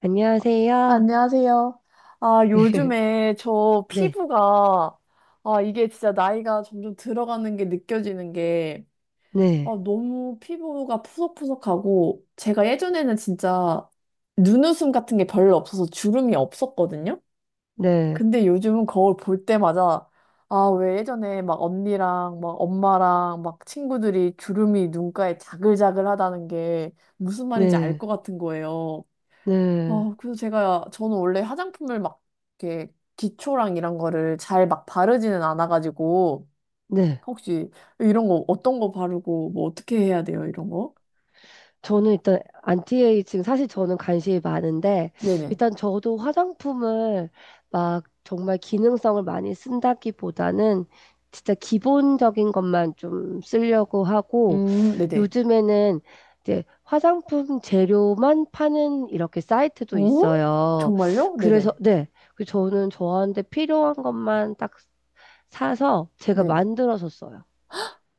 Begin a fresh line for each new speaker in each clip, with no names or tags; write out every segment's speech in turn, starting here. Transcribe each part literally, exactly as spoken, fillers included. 안녕하세요.
안녕하세요. 아, 요즘에 저
네,
피부가, 아, 이게 진짜 나이가 점점 들어가는 게 느껴지는 게, 아,
네,
너무 피부가 푸석푸석하고, 제가 예전에는 진짜 눈웃음 같은 게 별로 없어서 주름이 없었거든요?
네,
근데 요즘은 거울 볼 때마다, 아, 왜 예전에 막 언니랑 막 엄마랑 막 친구들이 주름이 눈가에 자글자글하다는 게 무슨 말인지 알
네,
것 같은 거예요.
네,
어, 그래서 제가, 저는 원래 화장품을 막, 이렇게, 기초랑 이런 거를 잘 막 바르지는 않아가지고,
네.
혹시 이런 거, 어떤 거 바르고, 뭐, 어떻게 해야 돼요, 이런 거?
저는 일단 안티에이징 사실 저는 관심이 많은데
네네.
일단 저도 화장품을 막 정말 기능성을 많이 쓴다기보다는 진짜 기본적인 것만 좀 쓰려고 하고,
음, 네네.
요즘에는 이제 화장품 재료만 파는 이렇게 사이트도
어?
있어요.
정말요?
그래서
네네.
네. 그 저는 저한테 필요한 것만 딱 사서 제가
네.
만들어서 써요.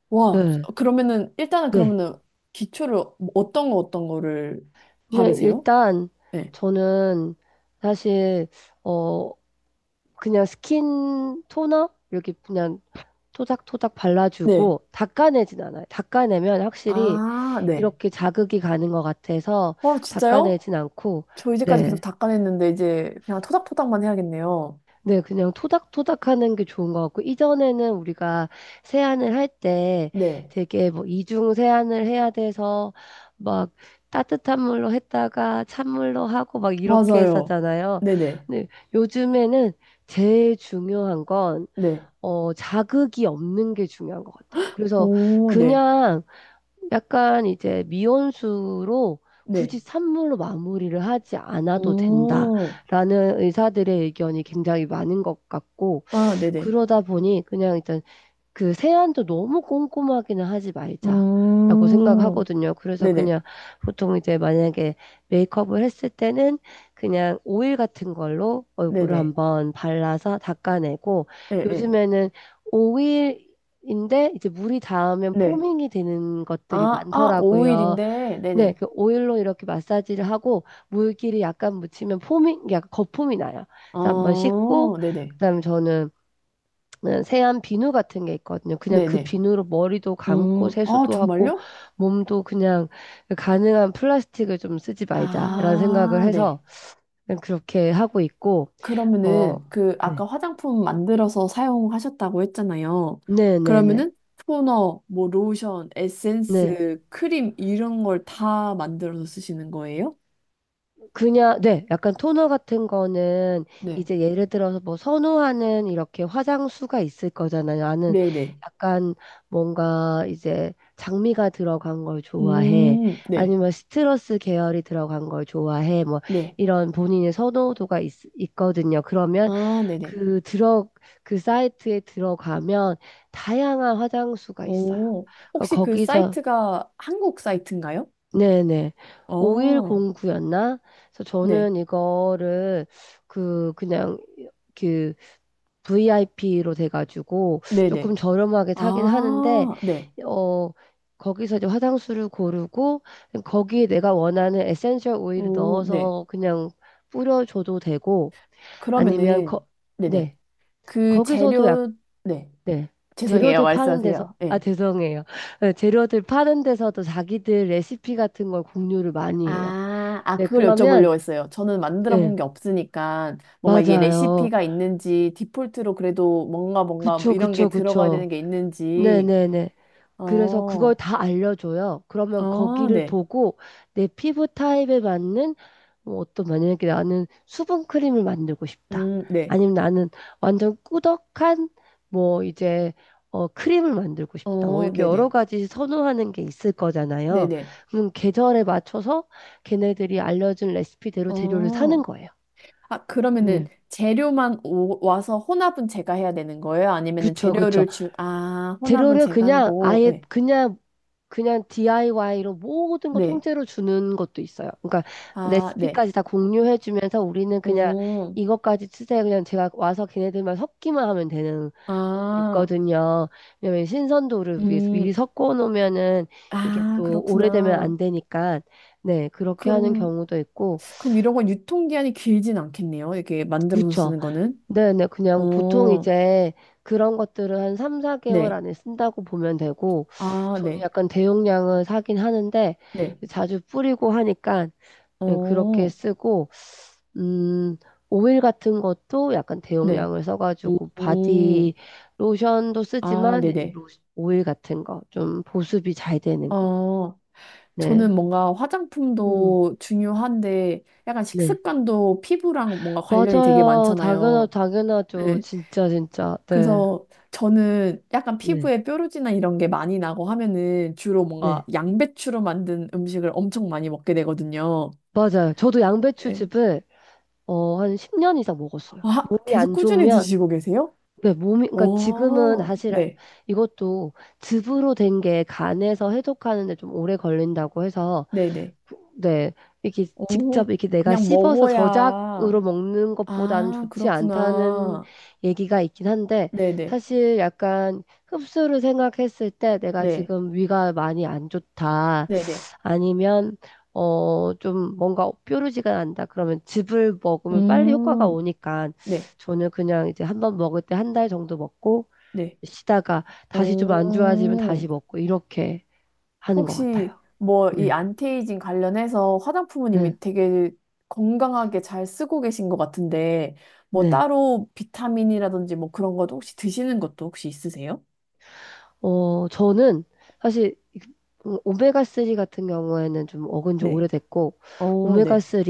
와,
네,
그러면은, 일단은
네.
그러면은, 기초를 뭐 어떤 거, 어떤 거를
그냥
바르세요?
일단
네.
저는 사실 어 그냥 스킨 토너 이렇게 그냥 토닥토닥
네.
발라주고 닦아내진 않아요. 닦아내면 확실히
아, 네.
이렇게 자극이 가는 것 같아서
어, 진짜요?
닦아내진 않고,
저 이제까지 계속
네.
닦아냈는데, 이제 그냥 토닥토닥만 해야겠네요.
네, 그냥 토닥토닥 하는 게 좋은 것 같고, 이전에는 우리가 세안을 할 때
네.
되게 뭐 이중 세안을 해야 돼서 막 따뜻한 물로 했다가 찬물로 하고 막 이렇게
맞아요.
했었잖아요.
네네.
근데 요즘에는 제일 중요한 건,
네.
어, 자극이 없는 게 중요한 것 같아요. 그래서
오, 네.
그냥 약간 이제 미온수로
네.
굳이 산물로 마무리를 하지 않아도
오,
된다라는 의사들의 의견이 굉장히 많은 것 같고,
아, 네네.
그러다 보니 그냥 일단 그 세안도 너무 꼼꼼하기는 하지 말자라고
음,
생각하거든요. 그래서
네네.
그냥 보통 이제 만약에 메이크업을 했을 때는 그냥 오일 같은 걸로 얼굴을
네네.
한번 발라서 닦아내고,
네네.
요즘에는 오일인데 이제 물이 닿으면
네.
포밍이 되는 것들이
아, 아,
많더라고요.
오 일인데,
네,
네네.
그 오일로 이렇게 마사지를 하고 물기를 약간 묻히면 포밍, 약간 거품이 나요. 그래서 한번 씻고
아 네네.
그다음에 저는, 네, 세안 비누 같은 게 있거든요. 그냥 그
네네.
비누로 머리도 감고
음, 아,
세수도 하고
정말요?
몸도 그냥 가능한 플라스틱을 좀 쓰지 말자라는 생각을
아, 네.
해서 그냥 그렇게 하고 있고, 어
그러면은 그
네.
아까 화장품 만들어서 사용하셨다고 했잖아요.
네네네. 네.
그러면은 토너, 뭐 로션,
네.
에센스, 크림 이런 걸 다 만들어서 쓰시는 거예요?
그냥, 네, 약간 토너 같은 거는
네.
이제 예를 들어서 뭐 선호하는 이렇게 화장수가 있을 거잖아요. 나는
네네.
약간 뭔가 이제 장미가 들어간 걸 좋아해.
음, 네.
아니면 시트러스 계열이 들어간 걸 좋아해. 뭐
네.
이런 본인의 선호도가 있, 있거든요. 그러면
아, 네네.
그 들어, 그 사이트에 들어가면 다양한 화장수가 있어요.
오,
그러니까
혹시 그
거기서
사이트가 한국 사이트인가요?
네네. 오일
어,
공구였나, 그래서
네.
저는 이거를 그 그냥 그 브이아이피로 돼가지고
네네.
조금 저렴하게 사긴 하는데,
아, 네.
어 거기서 이제 화장수를 고르고 거기에 내가 원하는 에센셜 오일을
오, 네.
넣어서 그냥 뿌려줘도 되고, 아니면 거,
그러면은, 네네.
네,
그
거기서도 약
재료, 네.
네,
죄송해요.
재료들 파는 데서
말씀하세요.
아
네.
죄송해요 재료들 파는 데서도 자기들 레시피 같은 걸 공유를 많이 해요.
아, 아,
네,
그걸
그러면,
여쭤보려고 했어요. 저는 만들어
네,
본 게 없으니까 뭔가 이게
맞아요.
레시피가 있는지 디폴트로 그래도 뭔가 뭔가 뭐
그쵸,
이런 게
그쵸,
들어가야
그쵸.
되는 게 있는지.
네네네. 그래서 그걸
어,
다 알려줘요. 그러면
어,
거기를
네.
보고 내 피부 타입에 맞는, 뭐 어떤, 만약에 나는 수분 크림을 만들고 싶다.
음, 네.
아니면 나는 완전 꾸덕한 뭐 이제 어 크림을 만들고 싶다. 뭐
어,
이렇게 여러
네네.
가지 선호하는 게 있을 거잖아요.
네네.
그럼 계절에 맞춰서 걔네들이 알려준 레시피대로 재료를 사는
어.
거예요.
아, 그러면은
네.
재료만 오, 와서 혼합은 제가 해야 되는 거예요? 아니면은
그쵸, 그쵸.
재료를 주, 아, 혼합은
재료를
제가 하는
그냥
거고,
아예
네.
그냥 그냥 디아이와이로 모든 거
네.
통째로 주는 것도 있어요. 그러니까
아, 네.
레시피까지 다 공유해 주면서 우리는 그냥
음,
이것까지 쓰세요. 그냥 제가 와서 걔네들만 섞기만 하면 되는 것도
아,
있거든요. 왜냐면 신선도를 위해서 미리
음,
섞어 놓으면은 이게
아,
또 오래되면
그렇구나.
안 되니까, 네, 그렇게 하는
그럼,
경우도 있고.
그럼 이런 건 유통기한이 길진 않겠네요. 이렇게 만들어서
그렇죠.
쓰는 거는.
네네, 그냥 보통
어,
이제 그런 것들을 한 삼, 사 개월
네.
안에 쓴다고 보면 되고,
아,
저는
네.
약간 대용량을 사긴 하는데,
네.
자주 뿌리고 하니까 예, 그렇게
어,
쓰고, 음, 오일 같은 것도 약간
네.
대용량을 써가지고,
오,
바디 로션도
아,
쓰지만, 이제
네네.
로- 오일 같은 거, 좀 보습이 잘 되는 것.
어,
네.
저는 뭔가
음,
화장품도 중요한데 약간
네.
식습관도 피부랑 뭔가 관련이 되게
맞아요. 당연하,
많잖아요.
당연하죠.
네.
진짜, 진짜. 네.
그래서 저는 약간
네.
피부에 뾰루지나 이런 게 많이 나고 하면은 주로 뭔가
네.
양배추로 만든 음식을 엄청 많이 먹게 되거든요.
맞아요. 저도
네.
양배추즙을, 어, 한 십 년 이상 먹었어요.
아,
몸이
계속
안
꾸준히
좋으면
드시고 계세요?
네, 몸이, 그러니까 지금은
어,
사실
네,
이것도 즙으로 된 게 간에서 해독하는데 좀 오래 걸린다고 해서,
네네.
네, 이렇게 직접
오,
이렇게 내가
그냥
씹어서
먹어야.
저작으로 먹는 것보다는
아,
좋지 않다는
그렇구나.
얘기가 있긴 한데,
네네,
사실 약간 흡수를 생각했을 때 내가
네,
지금 위가 많이 안 좋다.
네네.
아니면 어 좀 뭔가 뾰루지가 난다 그러면 즙을 먹으면 빨리 효과가
음,
오니까
네,
저는 그냥 이제 한번 먹을 때 한 달 정도 먹고
네.
쉬다가 다시 좀 안 좋아지면
오,
다시 먹고 이렇게 하는 것 같아요.
혹시 뭐 이
네,
안티에이징 관련해서 화장품은
네,
이미 되게 건강하게 잘 쓰고 계신 것 같은데, 뭐
네.
따로 비타민이라든지 뭐 그런 것도 혹시 드시는 것도 혹시 있으세요?
어, 저는 사실 오메가삼 같은 경우에는 좀 먹은 지
네.
오래됐고,
어, 네.
오메가삼,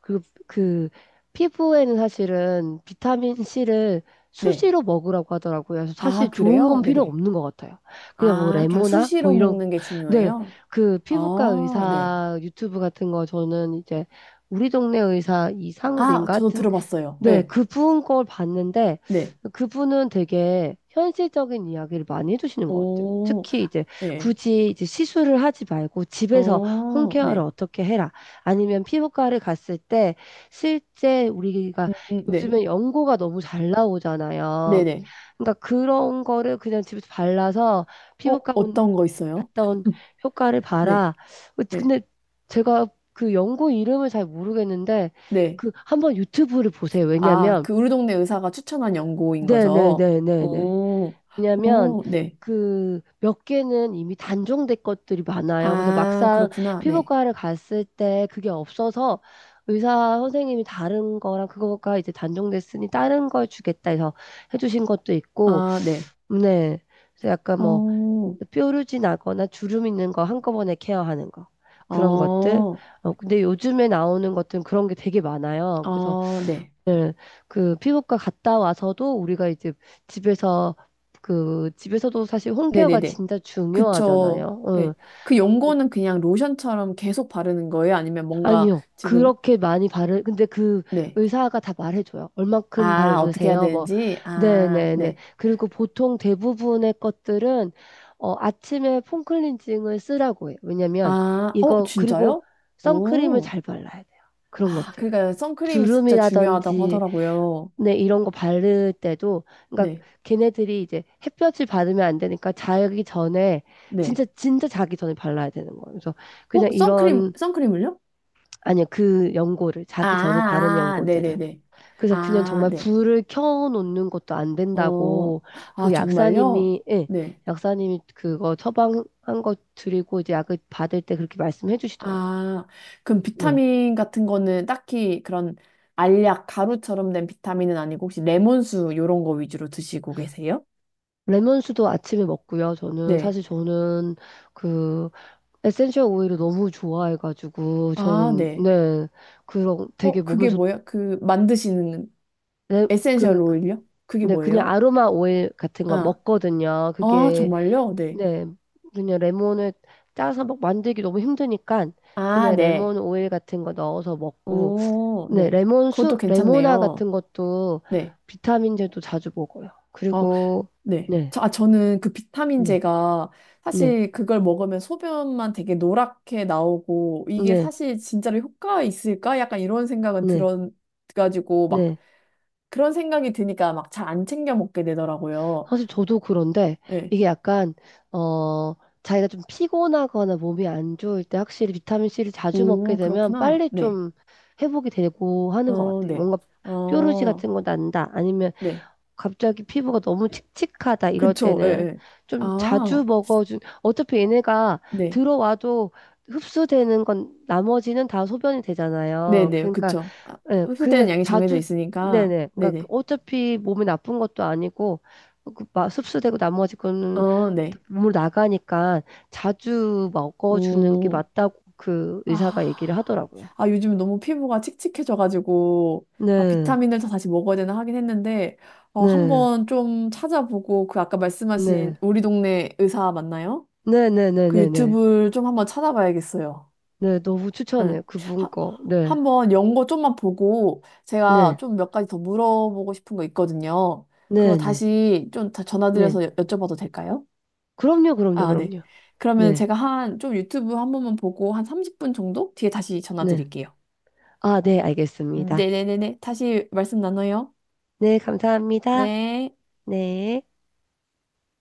그리고 그 피부에는 사실은 비타민C를
네.
수시로 먹으라고 하더라고요. 그래서
아,
사실 좋은
그래요?
건 필요
네네.
없는 것 같아요. 그냥 뭐
아, 그냥
레모나? 뭐
수시로
이런.
먹는 게
네,
중요해요?
그 피부과
아, 네.
의사 유튜브 같은 거 저는 이제 우리 동네 의사
아,
이상욱인가
저도
하여튼,
들어봤어요.
네,
네.
그분 걸 봤는데,
네.
그분은 되게 현실적인 이야기를 많이 해주시는 것 같아요.
오,
특히 이제
네.
굳이 이제 시술을 하지 말고 집에서
어,
홈케어를
네.
어떻게 해라. 아니면 피부과를 갔을 때 실제 우리가
음, 음, 네.
요즘에 연고가 너무 잘 나오잖아요.
네네.
그러니까 그런 거를 그냥 집에서 발라서
어,
피부과
어떤 거 있어요?
갔다 온 효과를
네.
봐라. 어,
네.
근데 제가 그 연구 이름을 잘 모르겠는데,
네.
그 한번 유튜브를 보세요.
아,
왜냐면
그 우리 동네 의사가 추천한 연고인 거죠?
네네네네네.
오,
왜냐면
오, 네.
그 몇 개는 이미 단종된 것들이 많아요. 그래서
아,
막상
그렇구나. 네.
피부과를 갔을 때 그게 없어서 의사 선생님이 다른 거랑 그거가 이제 단종됐으니 다른 걸 주겠다 해서 해주신 것도 있고,
아, 네.
네. 그래서 약간 뭐
오,
뾰루지 나거나 주름 있는 거 한꺼번에 케어하는 거. 그런 것들.
어,
어, 근데 요즘에 나오는 것들은 그런 게 되게 많아요. 그래서
어, 네.
네, 그 피부과 갔다 와서도 우리가 이제 집에서 그 집에서도 사실 홈케어가
네네네.
진짜
그쵸.
중요하잖아요. 응.
네. 그 연고는 그냥 로션처럼 계속 바르는 거예요? 아니면 뭔가
아니요.
지금,
그렇게 많이 바르, 근데 그
네.
의사가 다 말해줘요. 얼만큼
아, 어떻게 해야
바르세요? 뭐,
되는지? 아,
네네네.
네.
그리고 보통 대부분의 것들은, 어, 아침에 폼클렌징을 쓰라고 해요. 왜냐면,
아, 어,
이거, 그리고
진짜요?
선크림을
오.
잘 발라야 돼요. 그런
아,
것들을.
그러니까 선크림이 진짜 중요하다고
주름이라든지,
하더라고요.
네, 이런 거 바를 때도, 그러니까
네.
걔네들이 이제 햇볕을 받으면 안 되니까 자기 전에,
네.
진짜, 진짜 자기 전에 발라야 되는 거예요. 그래서
어,
그냥
선크림,
이런,
선크림을요?
아니요, 그 연고를,
아,
자기 전에 바른
아, 아.
연고들을.
네네네.
그래서 그냥
아,
정말
네.
불을 켜놓는 것도 안
어,
된다고
아,
그
정말요?
약사님이, 예,
네.
약사님이 그거 처방한 거 드리고 이제 약을 받을 때 그렇게 말씀해 주시더라고요.
아, 그럼
네.
비타민 같은 거는 딱히 그런 알약, 가루처럼 된 비타민은 아니고 혹시 레몬수 요런 거 위주로 드시고 계세요?
레몬수도 아침에 먹고요. 저는
네.
사실 저는 그 에센셜 오일을 너무 좋아해가지고
아,
저는,
네.
네, 그런
어,
되게 몸에
그게
좋,
뭐야? 그 만드시는
네,
에센셜
그, 그,
오일요? 그게
네, 그냥
뭐예요?
아로마 오일 같은 거
아,
먹거든요.
아,
그게,
정말요? 네.
네, 그냥 레몬을 짜서 막 만들기 너무 힘드니까
아,
그냥
네.
레몬 오일 같은 거 넣어서 먹고,
오,
네,
네.
레몬
그것도
수, 레모나
괜찮네요.
같은 것도
네.
비타민제도 자주 먹어요.
어,
그리고,
네.
네,
저, 아, 저는 그
네,
비타민제가
네,
사실 그걸 먹으면 소변만 되게 노랗게 나오고 이게
네,
사실 진짜로 효과가 있을까? 약간 이런 생각은
네,
들어가지고 막
네.
그런 생각이 드니까 막 잘 안 챙겨 먹게 되더라고요.
사실 저도 그런데
네.
이게 약간, 어, 자기가 좀 피곤하거나 몸이 안 좋을 때 확실히 비타민C를 자주 먹게
오,
되면
그렇구나.
빨리
네.
좀 회복이 되고 하는 것
어,
같아요.
네.
뭔가 뾰루지
어,
같은 거 난다. 아니면
네.
갑자기 피부가 너무 칙칙하다 이럴
그쵸. 예,
때는
예.
좀
아,
자주 먹어준 어차피 얘네가
네.
들어와도 흡수되는 건 나머지는 다 소변이 되잖아요.
네네.
그러니까
그쵸. 아,
예,
흡수되는
그러니까
양이 정해져
자주
있으니까.
네네. 그러니까 그
네네.
어차피 몸에 나쁜 것도 아니고 그 마- 흡수되고 나머지 거는
어, 네.
몸으로 나가니까 자주 먹어주는 게
음.
맞다고 그 의사가 얘기를
아,
하더라고요.
아, 요즘 너무 피부가 칙칙해져가지고, 아,
네,
비타민을 다 다시 먹어야 되나 하긴 했는데, 어,
네,
한번 좀 찾아보고, 그 아까 말씀하신
네,
우리 동네 의사 맞나요?
네, 네, 네,
그
네, 네.
유튜브를 좀 한번 찾아봐야겠어요.
네, 너무 추천해요.
응.
그분
하-
거. 네,
한번 연고 좀만 보고, 제가
네,
좀 몇 가지 더 물어보고 싶은 거 있거든요. 그거
네, 네,
다시 좀 다-
네.
전화드려서 여- 여쭤봐도 될까요?
그럼요, 그럼요,
아, 네.
그럼요.
그러면
네,
제가 한, 좀 유튜브 한 번만 보고, 한 삼십 분 정도 뒤에 다시
네.
전화드릴게요.
아, 네,
음,
알겠습니다.
네네네네. 다시 말씀 나눠요.
네, 감사합니다.
네.
네.